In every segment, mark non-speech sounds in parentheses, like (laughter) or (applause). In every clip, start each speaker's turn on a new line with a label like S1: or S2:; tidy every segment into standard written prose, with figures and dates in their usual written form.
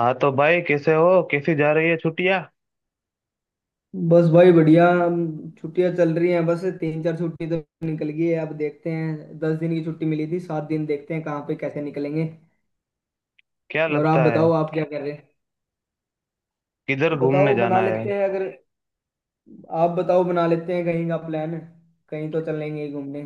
S1: हाँ तो भाई, कैसे हो? कैसी जा रही है छुट्टियाँ?
S2: बस भाई बढ़िया छुट्टियां चल रही हैं। बस तीन चार छुट्टी तो निकल गई है। अब देखते हैं, 10 दिन की छुट्टी मिली थी, 7 दिन देखते हैं कहाँ पे कैसे निकलेंगे।
S1: क्या
S2: और आप
S1: लगता है?
S2: बताओ, आप क्या कर रहे हैं?
S1: किधर घूमने
S2: बताओ, बना
S1: जाना है?
S2: लेते हैं अगर। आप बताओ, बना लेते हैं कहीं का प्लान। कहीं तो चलेंगे घूमने।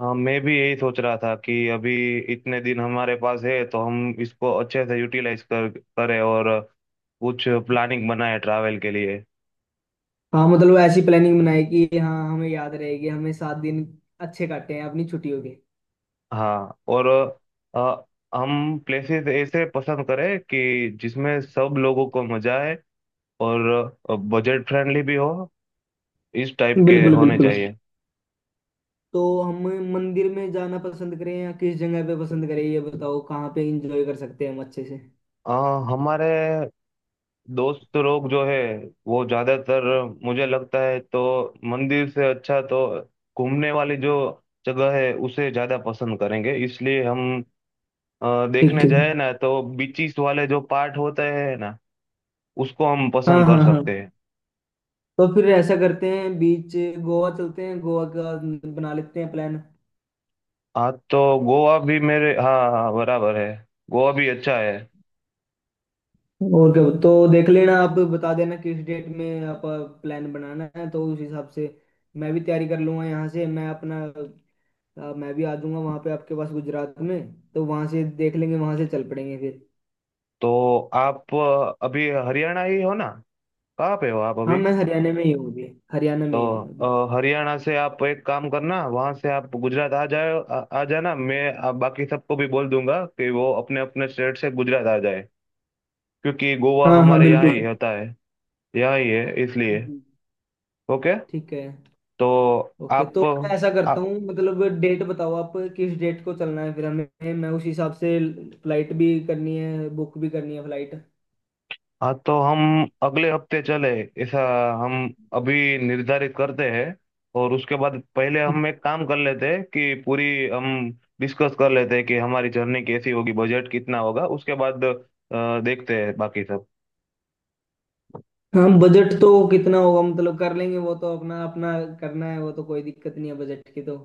S1: हाँ, मैं भी यही सोच रहा था कि अभी इतने दिन हमारे पास है तो हम इसको अच्छे से यूटिलाइज कर करें और कुछ प्लानिंग बनाए ट्रैवल के लिए।
S2: हाँ मतलब ऐसी प्लानिंग बनाए कि हाँ, हमें याद रहेगी, हमें 7 दिन अच्छे काटे हैं अपनी छुट्टियों के।
S1: हाँ। और अ, हम प्लेसेस ऐसे पसंद करें कि जिसमें सब लोगों को मजा आए और बजट फ्रेंडली भी हो। इस टाइप के
S2: बिल्कुल
S1: होने
S2: बिल्कुल।
S1: चाहिए।
S2: तो हम मंदिर में जाना पसंद करें या किस जगह पे पसंद करें, ये बताओ कहाँ पे एंजॉय कर सकते हैं हम अच्छे से।
S1: अ, हमारे दोस्त लोग जो है वो ज्यादातर, मुझे लगता है तो, मंदिर से अच्छा तो घूमने वाली जो जगह है उसे ज्यादा पसंद करेंगे। इसलिए हम
S2: ठीक
S1: देखने जाए
S2: ठीक।
S1: ना तो बीचीस वाले जो पार्ट होते हैं ना, उसको हम
S2: हाँ
S1: पसंद कर
S2: हाँ हाँ।
S1: सकते हैं।
S2: तो फिर ऐसा करते हैं बीच, गोवा चलते हैं, गोवा का बना लेते हैं प्लान।
S1: हाँ, तो गोवा भी मेरे, हाँ हाँ, बराबर है। गोवा भी अच्छा है।
S2: और क्या, तो देख लेना, आप बता देना किस डेट में आप प्लान बनाना है, तो उस हिसाब से मैं भी तैयारी कर लूंगा यहाँ से मैं अपना। मैं भी आ जाऊंगा वहाँ पे आपके पास गुजरात में, तो वहाँ से देख लेंगे वहाँ से चल पड़ेंगे फिर।
S1: तो आप अभी हरियाणा ही हो ना? कहाँ पे हो आप
S2: हाँ,
S1: अभी?
S2: मैं हरियाणा में ही हूँ अभी, हरियाणा
S1: तो
S2: में ही हूँ अभी।
S1: हरियाणा से आप एक काम करना, वहां से आप गुजरात आ जाए। आ जाना। मैं बाकी सबको भी बोल दूंगा कि वो अपने अपने स्टेट से गुजरात आ जाए। क्योंकि गोवा
S2: हाँ हाँ
S1: हमारे यहाँ ही
S2: बिल्कुल।
S1: होता है, यहाँ ही है इसलिए।
S2: जी।
S1: ओके।
S2: ठीक है।
S1: तो
S2: ओके, तो
S1: आप
S2: मैं ऐसा करता
S1: आप।
S2: हूँ, मतलब डेट बताओ आप किस डेट को चलना है, फिर हमें मैं उस हिसाब से फ्लाइट भी करनी है, बुक भी करनी है फ्लाइट।
S1: हाँ, तो हम अगले हफ्ते चले, ऐसा हम अभी निर्धारित करते हैं। और उसके बाद पहले हम एक काम कर लेते हैं कि पूरी, हम डिस्कस कर लेते हैं कि हमारी जर्नी कैसी होगी, बजट कितना होगा। उसके बाद देखते हैं बाकी सब।
S2: हम बजट तो कितना होगा मतलब कर लेंगे, वो तो अपना अपना करना है, वो तो कोई दिक्कत नहीं है बजट की तो।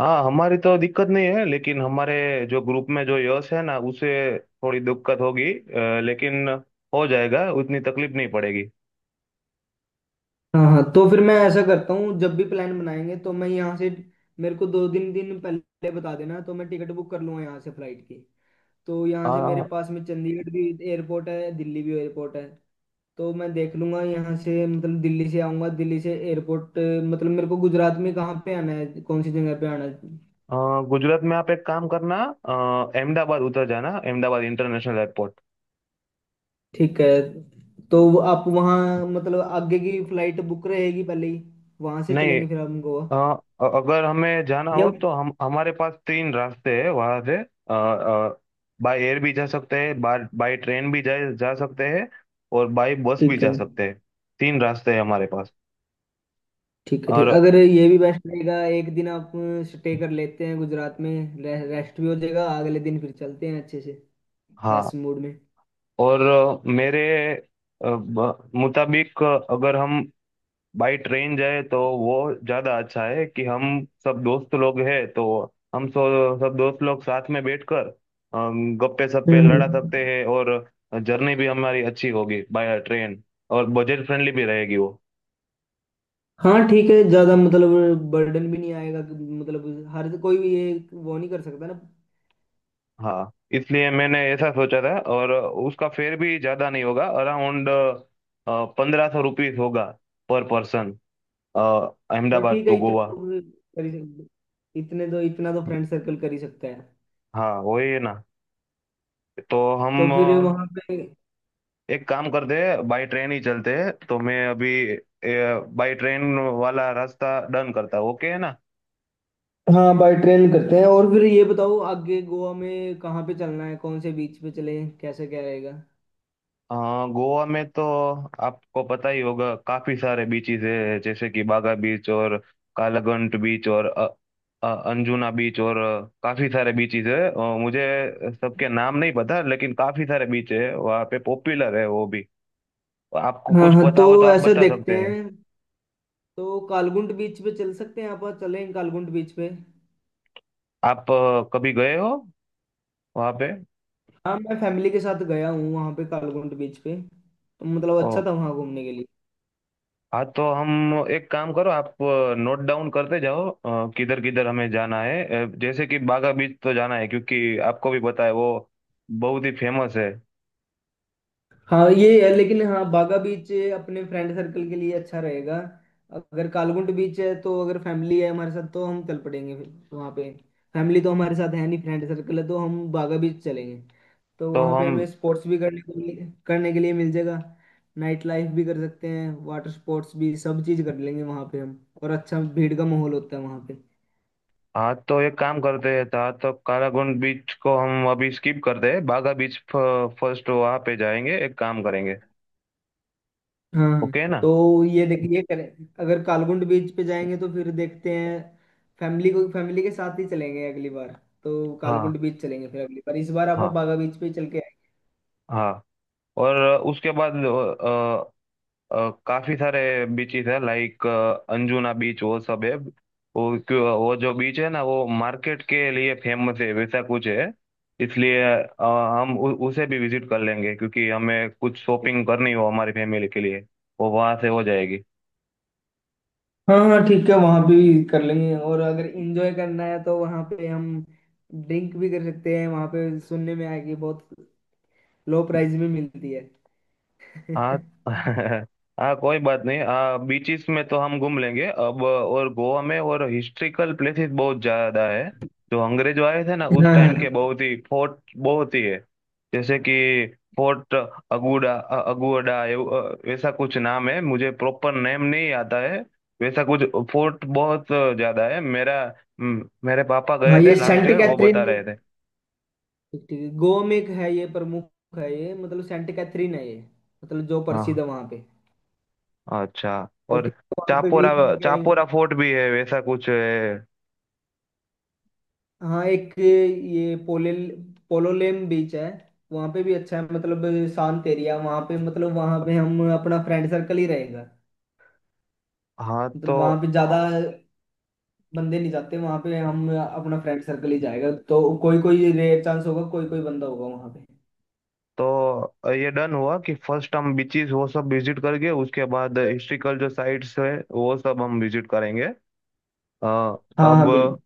S1: हाँ, हमारी तो दिक्कत नहीं है। लेकिन हमारे जो ग्रुप में जो यश है ना, उसे थोड़ी दिक्कत होगी, लेकिन हो जाएगा, उतनी तकलीफ नहीं पड़ेगी।
S2: हाँ हाँ, तो फिर मैं ऐसा करता हूँ, जब भी प्लान बनाएंगे तो मैं यहाँ से मेरे को दो दिन दिन पहले बता देना, तो मैं टिकट बुक कर लूँगा यहाँ से फ्लाइट की। तो यहाँ से मेरे
S1: हाँ।
S2: पास में चंडीगढ़ भी एयरपोर्ट है, दिल्ली भी एयरपोर्ट है। तो मैं देख लूंगा यहाँ से, मतलब दिल्ली से आऊंगा, दिल्ली से एयरपोर्ट। मतलब मेरे को गुजरात में कहाँ पे आना है, कौन सी जगह पे आना है?
S1: अ, गुजरात में आप एक काम करना। अ, अहमदाबाद उतर जाना, अहमदाबाद इंटरनेशनल एयरपोर्ट।
S2: ठीक है। तो वो आप वहाँ मतलब आगे की फ्लाइट बुक रहेगी पहले ही, वहां से
S1: नहीं।
S2: चलेंगे फिर हम गोवा।
S1: अगर हमें जाना
S2: या
S1: हो तो हम हमारे पास तीन रास्ते हैं वहां से। बाय एयर भी जा सकते हैं, बाय बाय ट्रेन भी जा जा सकते हैं, और बाय बस भी
S2: ठीक है।
S1: जा सकते हैं। तीन रास्ते हैं हमारे पास।
S2: ठीक है, ठीक
S1: और
S2: अगर ये भी बेस्ट रहेगा, एक दिन आप स्टे कर लेते हैं गुजरात में, रेस्ट भी हो जाएगा, अगले दिन फिर चलते हैं अच्छे से
S1: हाँ,
S2: फ्रेश मूड में।
S1: और मेरे मुताबिक अगर हम बाई ट्रेन जाए तो वो ज्यादा अच्छा है कि हम सब दोस्त लोग हैं, तो हम सब दोस्त लोग साथ में बैठकर गप्पे सप्पे लड़ा सकते
S2: हम्म।
S1: हैं, और जर्नी भी हमारी अच्छी होगी बाय ट्रेन। और बजट फ्रेंडली भी रहेगी वो।
S2: हाँ ठीक है, ज्यादा मतलब बर्डन भी नहीं आएगा कि मतलब हर कोई भी ये वो नहीं कर सकता ना।
S1: हाँ। इसलिए मैंने ऐसा सोचा था, और उसका फेयर भी ज्यादा नहीं होगा, अराउंड 1500 रुपीज होगा पर पर्सन।
S2: बट
S1: अहमदाबाद
S2: ठीक है,
S1: टू
S2: इतना
S1: गोवा।
S2: तो कर ही सकते, इतने तो इतना तो फ्रेंड सर्कल कर ही सकता है।
S1: हाँ, वही है ना? तो
S2: तो
S1: हम
S2: फिर वहां पे।
S1: एक काम करते हैं, बाई ट्रेन ही चलते हैं। तो मैं अभी बाई ट्रेन वाला रास्ता डन करता हूँ, ओके है ना?
S2: हाँ, बाय ट्रेन करते हैं, और फिर ये बताओ आगे गोवा में कहाँ पे चलना है, कौन से बीच पे चले, कैसे क्या रहेगा?
S1: अ, गोवा में तो आपको पता ही होगा, काफी सारे बीचेस है। जैसे कि बागा बीच और कालागंट बीच और अंजुना बीच और काफी सारे बीचेस है। मुझे सबके नाम नहीं पता लेकिन काफी सारे बीच है वहाँ पे, पॉपुलर है वो भी। आपको
S2: हाँ
S1: कुछ
S2: हाँ,
S1: पता
S2: तो
S1: हो तो आप
S2: ऐसा
S1: बता सकते
S2: देखते
S1: हैं।
S2: हैं, तो कालगुंड बीच पे चल सकते हैं, आप चलें कालगुंड बीच पे।
S1: आप कभी गए हो वहाँ पे?
S2: हाँ मैं फैमिली के साथ गया हूँ वहाँ पे, कालगुंड बीच पे, तो मतलब अच्छा था वहाँ घूमने के लिए।
S1: हाँ। तो हम एक काम करो, आप नोट डाउन करते जाओ किधर किधर हमें जाना है। जैसे कि बागा बीच तो जाना है, क्योंकि आपको भी पता है वो बहुत ही फेमस है।
S2: हाँ, ये है, लेकिन हाँ बागा बीच अपने फ्रेंड सर्कल के लिए अच्छा रहेगा। अगर कालगुंड बीच है तो अगर फैमिली है हमारे साथ तो हम चल पड़ेंगे फिर वहाँ पे। फैमिली तो हमारे साथ है नहीं, फ्रेंड सर्कल है, तो हम बागा बीच चलेंगे। तो
S1: तो
S2: वहाँ पे
S1: हम।
S2: हमें स्पोर्ट्स भी करने के लिए मिल जाएगा। नाइट लाइफ भी कर सकते हैं, वाटर स्पोर्ट्स भी, सब चीज़ कर लेंगे वहाँ पे हम, और अच्छा भीड़ का माहौल होता है वहाँ पे।
S1: हाँ। तो एक काम करते हैं था, तो कालागुंड बीच को हम अभी स्किप करते हैं, बागा बीच फर्स्ट वहाँ पे जाएंगे, एक काम करेंगे।
S2: हाँ,
S1: ओके ना?
S2: तो ये देखिए करें, अगर कालगुंड बीच पे जाएंगे तो फिर देखते हैं, फैमिली को फैमिली के साथ ही चलेंगे अगली बार। तो
S1: हाँ
S2: कालगुंड बीच चलेंगे फिर अगली बार, इस बार आप
S1: हाँ
S2: बागा बीच पे ही चल के
S1: हाँ। और उसके बाद काफी सारे बीचेस है लाइक अंजुना बीच, वो सब है। वो वो जो बीच है ना, वो मार्केट के लिए फेमस है वैसा कुछ है। इसलिए हम उसे भी विजिट कर लेंगे, क्योंकि हमें कुछ
S2: आएंगे।
S1: शॉपिंग करनी हो हमारी फैमिली के लिए वो वहां से हो जाएगी।
S2: हाँ हाँ ठीक है, वहां पे भी कर लेंगे, और अगर इंजॉय करना है तो वहां पे हम ड्रिंक भी कर सकते हैं, वहां पे सुनने में आया कि बहुत लो प्राइस में मिलती है। (laughs)
S1: हाँ।
S2: हाँ
S1: (laughs) हाँ, कोई बात नहीं। आ बीचेस में तो हम घूम लेंगे अब। और गोवा में और हिस्ट्रिकल प्लेसेस बहुत ज्यादा है, जो अंग्रेज आए थे ना उस टाइम
S2: हाँ।
S1: के, बहुत ही फोर्ट बहुत ही है। जैसे कि फोर्ट अगुडा, अगुडा वैसा कुछ नाम है, मुझे प्रॉपर नेम नहीं आता है। वैसा कुछ फोर्ट बहुत ज्यादा है। मेरा मेरे पापा गए
S2: हाँ, (laughs)
S1: थे
S2: ये
S1: लास्ट
S2: सेंट
S1: ईयर, वो
S2: कैथरीन,
S1: बता रहे थे।
S2: ठीक ठीक है, गोवा में एक है, ये प्रमुख है, ये मतलब सेंट कैथरीन है ये, मतलब जो प्रसिद्ध
S1: हाँ,
S2: है वहां पे।
S1: अच्छा।
S2: तो
S1: और
S2: ठीक है, वहाँ पे भी
S1: चापोरा
S2: घूम के
S1: चापोरा
S2: आएंगे।
S1: फोर्ट भी है वैसा कुछ है।
S2: हाँ एक ये पोले पोलोलेम बीच है, वहाँ पे भी अच्छा है, मतलब शांत एरिया, वहाँ पे मतलब वहाँ पे हम अपना फ्रेंड सर्कल ही रहेगा।
S1: हाँ। तो
S2: मतलब वहाँ पे ज्यादा बंदे नहीं जाते, वहाँ पे हम अपना फ्रेंड सर्कल ही जाएगा, तो कोई कोई रेयर चांस होगा, कोई कोई बंदा होगा वहाँ पे।
S1: तो ये डन हुआ कि फर्स्ट हम बीचेस वो सब विजिट करके, उसके बाद हिस्ट्रिकल जो साइट्स है वो सब हम विजिट करेंगे। अ,
S2: हाँ
S1: अब
S2: हाँ बिल्कुल।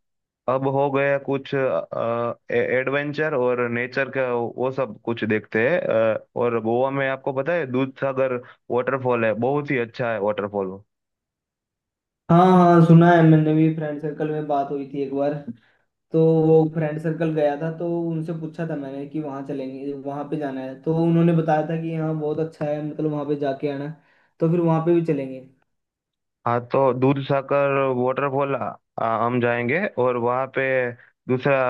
S1: अब हो गया, कुछ एडवेंचर और नेचर का वो सब कुछ देखते हैं। और गोवा में आपको पता है दूध सागर वाटरफॉल है, बहुत ही अच्छा है वाटरफॉल वो।
S2: हाँ हाँ सुना है, मैंने भी फ्रेंड सर्कल में बात हुई थी एक बार, तो वो फ्रेंड सर्कल गया था तो उनसे पूछा था मैंने कि वहाँ चलेंगे वहाँ पे जाना है, तो उन्होंने बताया था कि हाँ बहुत अच्छा है, मतलब वहाँ पे जाके आना। तो फिर वहाँ पे भी चलेंगे।
S1: हाँ। तो दूध सागर वाटरफॉल हम जाएंगे। और वहाँ पे दूसरा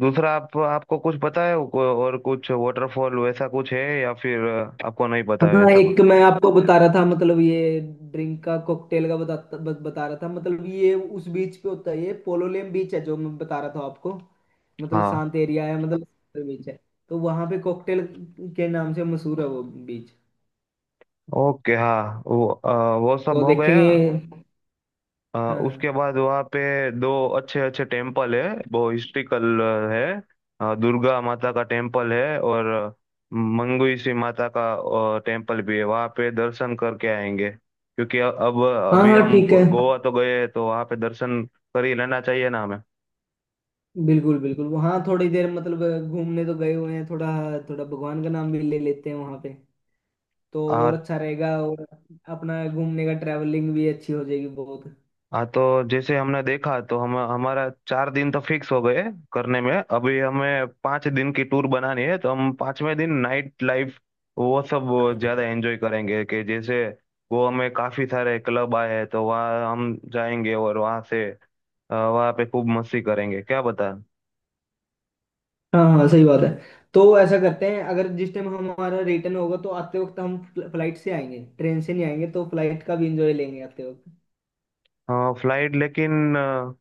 S1: दूसरा आप आपको कुछ पता है, और कुछ वाटरफॉल वैसा कुछ है, या फिर आपको नहीं पता है
S2: हाँ
S1: वैसा कुछ?
S2: एक मैं आपको बता रहा था मतलब ये ड्रिंक का कॉकटेल का बता रहा था, मतलब ये उस बीच पे होता है, ये पोलोलेम बीच है जो मैं बता रहा था आपको। मतलब
S1: हाँ,
S2: शांत एरिया है, मतलब बीच है। तो वहाँ पे कॉकटेल के नाम से मशहूर है वो बीच,
S1: ओके। हाँ, वो वो
S2: तो
S1: सब हो
S2: देखेंगे।
S1: गया।
S2: हाँ हाँ।
S1: उसके बाद वहाँ पे दो अच्छे अच्छे टेम्पल है, वो हिस्ट्रिकल है। दुर्गा माता का टेम्पल है और मंगुइसी माता का टेम्पल भी है, वहाँ पे दर्शन करके आएंगे। क्योंकि अब
S2: हाँ
S1: अभी
S2: हाँ
S1: हम
S2: ठीक है।
S1: गोवा तो गए तो वहाँ पे दर्शन कर ही लेना चाहिए ना हमें।
S2: बिल्कुल बिल्कुल, वहाँ थोड़ी देर मतलब घूमने तो गए हुए हैं, थोड़ा थोड़ा भगवान का नाम भी ले लेते हैं वहाँ पे, तो और अच्छा रहेगा, और अपना घूमने का ट्रैवलिंग भी अच्छी हो जाएगी बहुत।
S1: हाँ। तो जैसे हमने देखा तो हम हमारा 4 दिन तो फिक्स हो गए करने में। अभी हमें 5 दिन की टूर बनानी है, तो हम 5वें दिन नाइट लाइफ वो सब ज्यादा एंजॉय करेंगे। कि जैसे वो, हमें काफी सारे क्लब आए हैं, तो वहाँ हम जाएंगे और वहाँ से वहाँ पे खूब मस्ती करेंगे क्या बता।
S2: हाँ हाँ सही बात है। तो ऐसा करते हैं, अगर जिस टाइम हमारा रिटर्न होगा तो आते वक्त हम फ्लाइट से आएंगे, ट्रेन से नहीं आएंगे, तो फ्लाइट का भी इंजॉय लेंगे आते वक्त।
S1: फ्लाइट लेकिन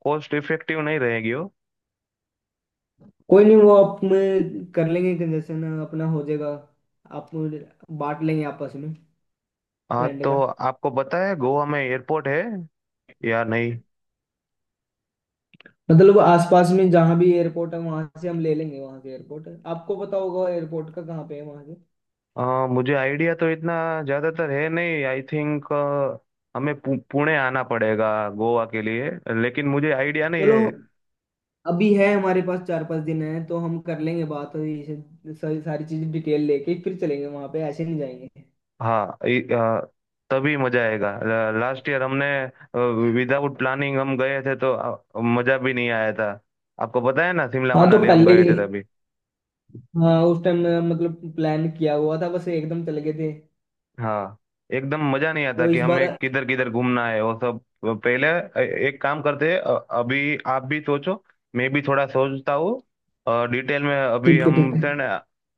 S1: कॉस्ट इफेक्टिव नहीं रहेगी वो।
S2: कोई नहीं, वो आप में कर लेंगे कंजेशन, अपना हो जाएगा, आप बांट लेंगे आपस में
S1: हाँ।
S2: फ्रेंड
S1: तो
S2: का।
S1: आपको पता है गोवा में एयरपोर्ट है या नहीं?
S2: मतलब आसपास में जहाँ भी एयरपोर्ट है वहां से हम ले लेंगे, वहां से एयरपोर्ट है, आपको पता होगा एयरपोर्ट का कहाँ पे है वहां से।
S1: अ, मुझे आइडिया तो इतना ज्यादातर है नहीं, आई थिंक हमें पुणे आना पड़ेगा गोवा के लिए, लेकिन मुझे आइडिया नहीं
S2: चलो,
S1: है।
S2: अभी है हमारे पास 4 5 दिन है, तो हम कर लेंगे बात और ये सारी सारी चीज डिटेल लेके फिर चलेंगे वहां पे, ऐसे नहीं जाएंगे।
S1: हाँ। तभी मजा आएगा। लास्ट ईयर हमने विदाउट प्लानिंग हम गए थे तो मजा भी नहीं आया था। आपको पता है ना, शिमला
S2: हाँ तो
S1: मनाली हम
S2: पहले
S1: गए
S2: ही,
S1: थे तभी।
S2: हाँ उस टाइम मतलब प्लान किया हुआ था, बस एकदम चले गए थे।
S1: हाँ, एकदम मजा नहीं आता
S2: तो
S1: कि
S2: इस बार
S1: हमें किधर किधर घूमना है वो सब। पहले एक काम करते हैं, अभी आप भी सोचो, मैं भी थोड़ा सोचता हूँ। और डिटेल में अभी
S2: ठीक है ठीक
S1: हम
S2: है।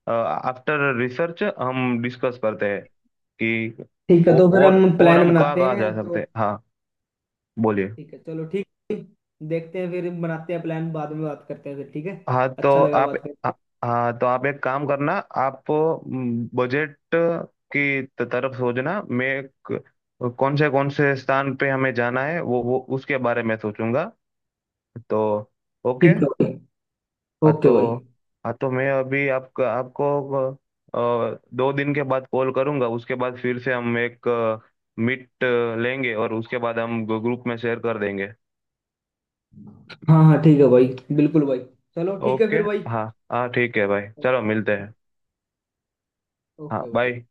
S1: आफ्टर रिसर्च हम डिस्कस करते हैं कि
S2: ठीक है
S1: औ-
S2: तो फिर
S1: और
S2: हम
S1: और
S2: प्लान
S1: हम कहाँ
S2: बनाते
S1: कहाँ जा
S2: हैं
S1: सकते
S2: तो।
S1: हैं। हाँ, बोलिए।
S2: ठीक है, चलो ठीक है, देखते हैं फिर बनाते हैं प्लान, बाद में बात करते हैं फिर, ठीक है।
S1: हाँ, तो
S2: अच्छा लगा
S1: आप
S2: बात
S1: आ-
S2: करके।
S1: हाँ तो आप एक काम करना। आप बजट की तरफ सोचना। मैं क- कौन से स्थान पे हमें जाना है वो उसके बारे में सोचूंगा तो। ओके।
S2: ठीक है भाई।
S1: हाँ
S2: ओके
S1: तो
S2: भाई।
S1: हाँ तो मैं अभी आपको आपको 2 दिन के बाद कॉल करूंगा। उसके बाद फिर से हम एक मीट लेंगे, और उसके बाद हम ग्रुप में शेयर कर देंगे।
S2: हाँ हाँ ठीक है भाई, बिल्कुल भाई, चलो ठीक है
S1: ओके।
S2: फिर भाई।
S1: हाँ। हाँ, ठीक है भाई, चलो मिलते हैं। हाँ,
S2: ओके भाई।
S1: बाय।